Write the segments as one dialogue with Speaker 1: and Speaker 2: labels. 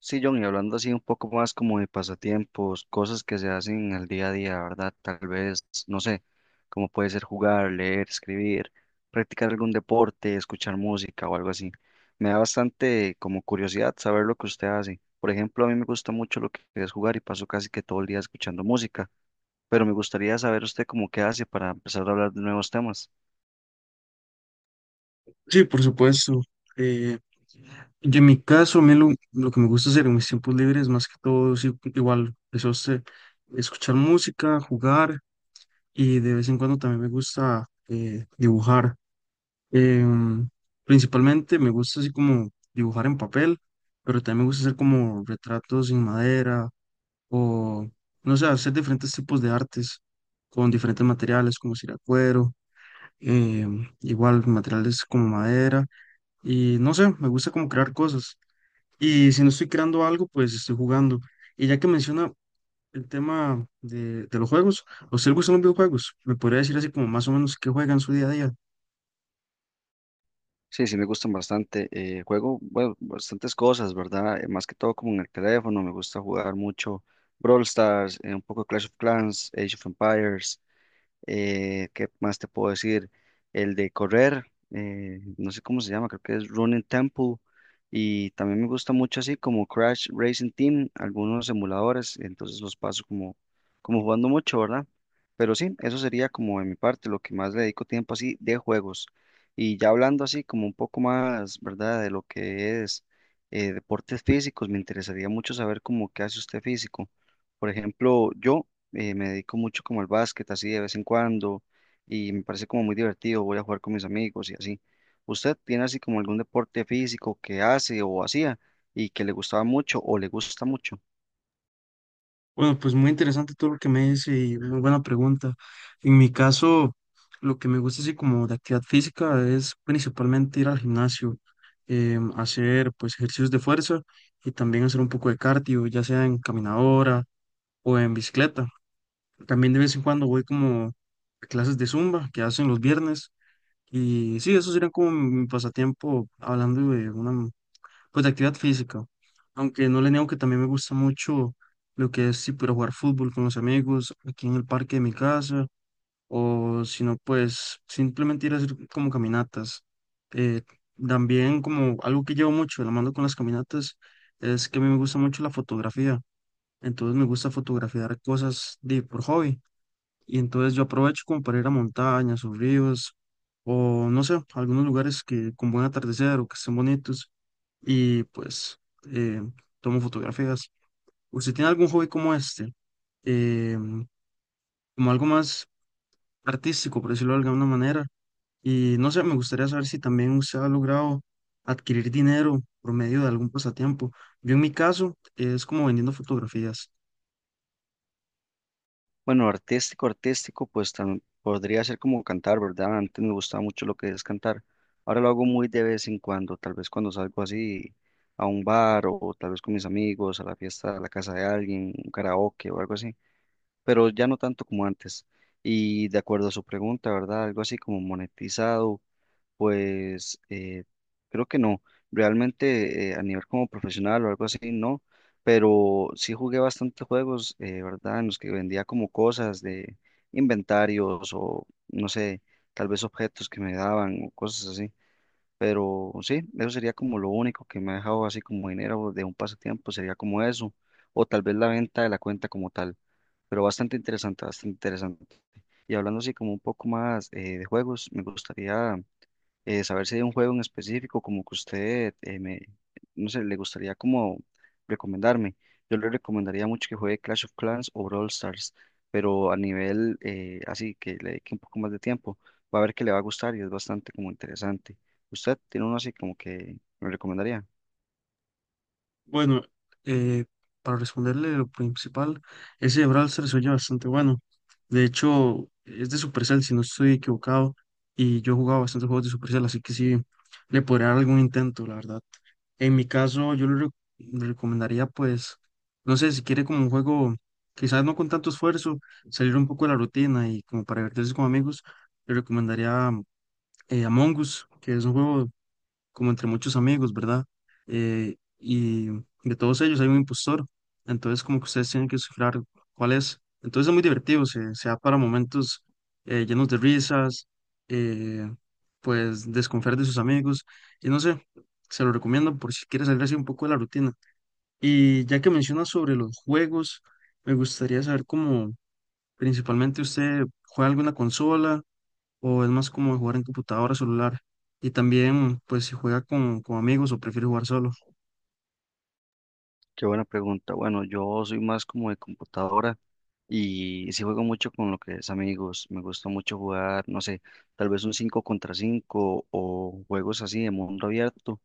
Speaker 1: Sí, John, y hablando así un poco más como de pasatiempos, cosas que se hacen al día a día, ¿verdad? Tal vez, no sé, como puede ser jugar, leer, escribir, practicar algún deporte, escuchar música o algo así. Me da bastante como curiosidad saber lo que usted hace. Por ejemplo, a mí me gusta mucho lo que es jugar y paso casi que todo el día escuchando música, pero me gustaría saber usted cómo qué hace para empezar a hablar de nuevos temas.
Speaker 2: Sí, por supuesto. Eh, yo en mi caso, a mí lo que me gusta hacer en mis tiempos libres, más que todo, sí, igual, eso es escuchar música, jugar y de vez en cuando también me gusta dibujar. Em, Principalmente me gusta así como dibujar en papel, pero también me gusta hacer como retratos en madera o, no sé, hacer diferentes tipos de artes con diferentes materiales como ciracuero, igual materiales como madera. Y no sé, me gusta como crear cosas. Y si no estoy creando algo, pues estoy jugando. Y ya que menciona el tema de los juegos, ¿a usted le gustan los videojuegos? ¿Me podría decir así como más o menos qué juega en su día a día?
Speaker 1: Sí, sí, me gustan bastante. Juego, bueno, bastantes cosas, ¿verdad? Más que todo como en el teléfono, me gusta jugar mucho Brawl Stars, un poco Clash of Clans, Age of Empires. ¿Qué más te puedo decir? El de correr, no sé cómo se llama, creo que es Running Temple. Y también me gusta mucho así como Crash Racing Team, algunos emuladores, entonces los paso como jugando mucho, ¿verdad? Pero sí, eso sería como de mi parte, lo que más le dedico tiempo así de juegos. Y ya hablando así como un poco más, ¿verdad? De lo que es deportes físicos, me interesaría mucho saber cómo qué hace usted físico. Por ejemplo, yo me dedico mucho como al básquet, así de vez en cuando, y me parece como muy divertido, voy a jugar con mis amigos y así. ¿Usted tiene así como algún deporte físico que hace o hacía y que le gustaba mucho o le gusta mucho?
Speaker 2: Bueno, pues muy interesante todo lo que me dice y muy buena pregunta. En mi caso, lo que me gusta así como de actividad física es principalmente ir al gimnasio, hacer pues ejercicios de fuerza y también hacer un poco de cardio, ya sea en caminadora o en bicicleta. También de vez en cuando voy como a clases de Zumba que hacen los viernes. Y sí, eso sería como mi pasatiempo hablando de una, pues de actividad física. Aunque no le niego que también me gusta mucho lo que es, sí, pero jugar fútbol con los amigos aquí en el parque de mi casa. O si no, pues simplemente ir a hacer como caminatas. Eh, También como algo que llevo mucho de la mano con las caminatas es que a mí me gusta mucho la fotografía. Entonces me gusta fotografiar cosas de, por hobby. Y entonces yo aprovecho como para ir a montañas o ríos o no sé, algunos lugares que con buen atardecer o que estén bonitos y pues eh, tomo fotografías. ¿Usted tiene algún hobby como este? Eh, Como algo más artístico, por decirlo de alguna manera. Y no sé, me gustaría saber si también usted ha logrado adquirir dinero por medio de algún pasatiempo. Yo en mi caso es como vendiendo fotografías.
Speaker 1: Bueno, artístico, artístico, pues podría ser como cantar, ¿verdad? Antes me gustaba mucho lo que es cantar. Ahora lo hago muy de vez en cuando, tal vez cuando salgo así a un bar o tal vez con mis amigos, a la fiesta, a la casa de alguien, un karaoke o algo así. Pero ya no tanto como antes. Y de acuerdo a su pregunta, ¿verdad? Algo así como monetizado, pues creo que no. Realmente a nivel como profesional o algo así, no. Pero sí jugué bastantes juegos, ¿verdad? En los que vendía como cosas de inventarios o, no sé, tal vez objetos que me daban o cosas así. Pero sí, eso sería como lo único que me ha dejado así como dinero de un pasatiempo, sería como eso, o tal vez la venta de la cuenta como tal. Pero bastante interesante, bastante interesante. Y hablando así como un poco más de juegos, me gustaría saber si hay un juego en específico como que usted, me, no sé, le gustaría como recomendarme. Yo le recomendaría mucho que juegue Clash of Clans o Brawl Stars, pero a nivel así, que le dedique un poco más de tiempo. Va a ver que le va a gustar y es bastante como interesante. ¿Usted tiene uno así como que me recomendaría?
Speaker 2: Bueno, eh, para responderle lo principal, ese de Brawlster se oye bastante bueno. De hecho, es de Supercell, si no estoy equivocado, y yo he jugado bastantes juegos de Supercell, así que sí, le podría dar algún intento, la verdad. En mi caso, le recomendaría, pues, no sé, si quiere como un juego, quizás no con tanto esfuerzo, salir un poco de la rutina y como para divertirse con amigos, le recomendaría Among Us, que es un juego como entre muchos amigos, ¿verdad? Y de todos ellos hay un impostor, entonces como que ustedes tienen que descifrar cuál es. Entonces es muy divertido, se da para momentos llenos de risas, eh, pues desconfiar de sus amigos, y no sé, se lo recomiendo por si quieres salir así un poco de la rutina. Y ya que mencionas sobre los juegos, me gustaría saber cómo principalmente usted juega alguna consola o es más como jugar en computadora, celular. Y también, pues, si juega con amigos o prefiere jugar solo.
Speaker 1: Qué buena pregunta. Bueno, yo soy más como de computadora y sí juego mucho con lo que es amigos. Me gusta mucho jugar, no sé, tal vez un 5 contra 5 o juegos así de mundo abierto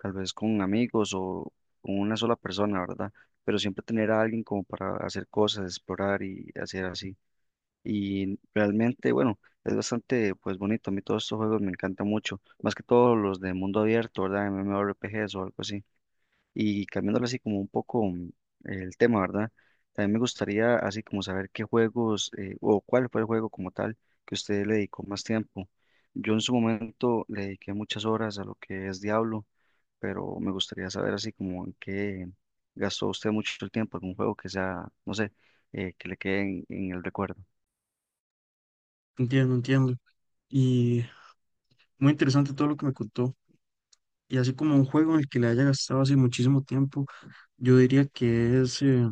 Speaker 1: tal vez con amigos o con una sola persona, ¿verdad? Pero siempre tener a alguien como para hacer cosas, explorar y hacer así. Y realmente, bueno, es bastante pues bonito. A mí todos estos juegos me encantan mucho, más que todos los de mundo abierto, ¿verdad? MMORPGs o algo así. Y cambiándole así como un poco el tema, ¿verdad? También me gustaría así como saber qué juegos o cuál fue el juego como tal que usted le dedicó más tiempo. Yo en su momento le dediqué muchas horas a lo que es Diablo, pero me gustaría saber así como en qué gastó usted mucho el tiempo, algún juego que sea, no sé, que le quede en el recuerdo.
Speaker 2: Entiendo, entiendo. Y muy interesante todo lo que me contó. Y así como un juego en el que le haya gastado así muchísimo tiempo, yo diría que es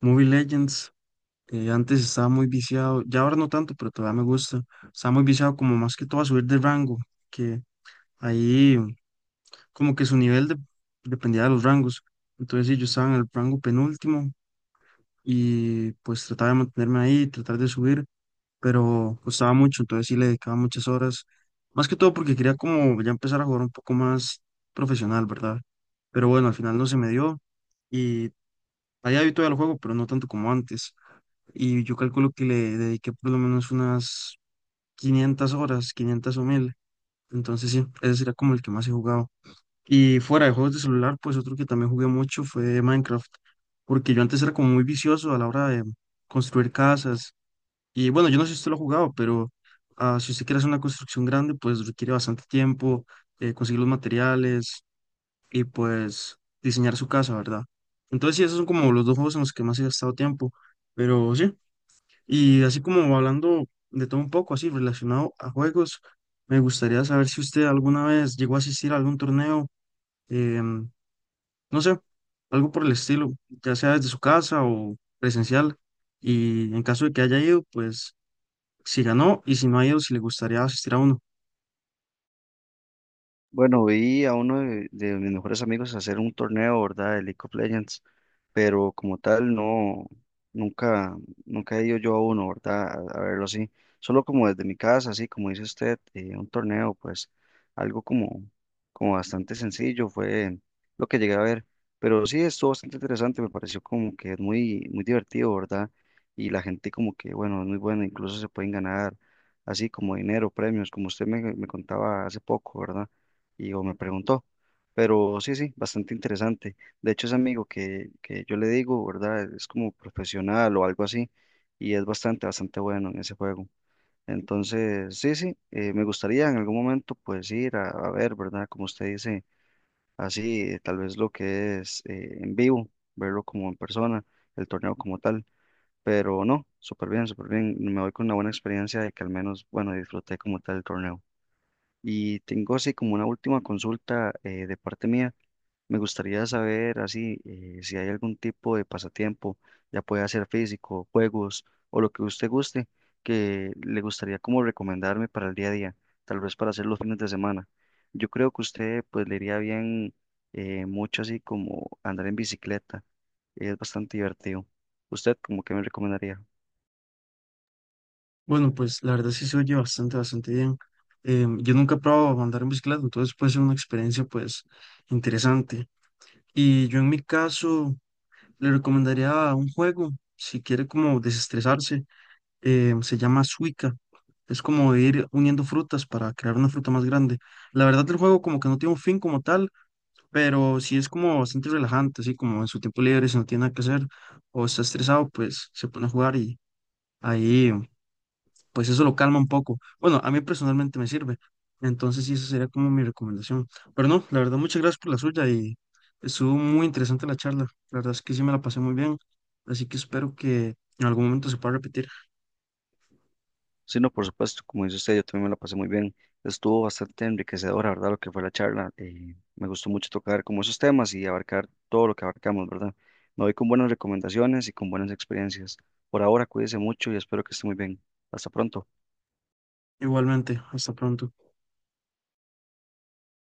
Speaker 2: Mobile Legends. Antes estaba muy viciado, ya ahora no tanto, pero todavía me gusta. Estaba muy viciado como más que todo a subir de rango, que ahí como que dependía de los rangos. Entonces sí, yo estaba en el rango penúltimo y pues trataba de mantenerme ahí, tratar de subir, pero costaba mucho, entonces sí le dedicaba muchas horas, más que todo porque quería como ya empezar a jugar un poco más profesional, ¿verdad? Pero bueno, al final no se me dio y allá vi todavía el juego, pero no tanto como antes. Y yo calculo que le dediqué por lo menos unas 500 horas, 500 o 1000. Entonces sí, ese sería como el que más he jugado. Y fuera de juegos de celular, pues otro que también jugué mucho fue Minecraft, porque yo antes era como muy vicioso a la hora de construir casas y bueno, yo no sé si usted lo ha jugado, pero ah, si usted quiere hacer una construcción grande, pues requiere bastante tiempo, conseguir los materiales y pues diseñar su casa, ¿verdad? Entonces, sí, esos son como los dos juegos en los que más he gastado tiempo, pero sí. Y así como hablando de todo un poco, así relacionado a juegos, me gustaría saber si usted alguna vez llegó a asistir a algún torneo, em, no sé, algo por el estilo, ya sea desde su casa o presencial. Y en caso de que haya ido, pues si ganó y si no ha ido, si le gustaría asistir a uno.
Speaker 1: Bueno, vi a uno de mis mejores amigos hacer un torneo, ¿verdad? De League of Legends. Pero como tal no, nunca, nunca he ido yo a uno, ¿verdad? A verlo así, solo como desde mi casa, así como dice usted, un torneo, pues algo como, como bastante sencillo fue lo que llegué a ver, pero sí estuvo bastante interesante, me pareció como que es muy, muy divertido, ¿verdad? Y la gente como que, bueno, es muy buena, incluso se pueden ganar así como dinero, premios, como usted me, me contaba hace poco, ¿verdad? Y o me preguntó, pero sí, sí, bastante interesante. De hecho, ese amigo que yo le digo, ¿verdad? Es como profesional o algo así y es bastante, bastante bueno en ese juego. Entonces, sí, sí, me gustaría en algún momento pues ir a ver, ¿verdad? Como usted dice, así, tal vez lo que es en vivo, verlo como en persona, el torneo como tal, pero no, súper bien, súper bien. Me voy con una buena experiencia de que al menos, bueno, disfruté como tal el torneo. Y tengo así como una última consulta de parte mía. Me gustaría saber así si hay algún tipo de pasatiempo, ya puede ser físico, juegos o lo que usted guste, que le gustaría como recomendarme para el día a día, tal vez para hacer los fines de semana. Yo creo que usted pues le iría bien mucho así como andar en bicicleta, es bastante divertido. ¿Usted como que me recomendaría?
Speaker 2: Bueno, pues la verdad sí se oye bastante, bastante bien. Yo nunca he probado andar en bicicleta, entonces puede ser una experiencia pues interesante. Y yo en mi caso le recomendaría un juego, si quiere como desestresarse, se llama Suica. Es como ir uniendo frutas para crear una fruta más grande. La verdad el juego como que no tiene un fin como tal, pero sí es como bastante relajante, así como en su tiempo libre, si no tiene nada que hacer o está estresado, pues se pone a jugar ahí, pues eso lo calma un poco. Bueno, a mí personalmente me sirve. Entonces, sí, esa sería como mi recomendación. Pero no, la verdad, muchas gracias por la suya y estuvo muy interesante la charla. La verdad es que sí me la pasé muy bien. Así que espero que en algún momento se pueda repetir.
Speaker 1: Sí, no, por supuesto, como dice usted, yo también me la pasé muy bien. Estuvo bastante enriquecedora, ¿verdad? Lo que fue la charla. Me gustó mucho tocar como esos temas y abarcar todo lo que abarcamos, ¿verdad? Me voy con buenas recomendaciones y con buenas experiencias. Por ahora, cuídese mucho y espero que esté muy bien. Hasta pronto.
Speaker 2: Igualmente, hasta pronto.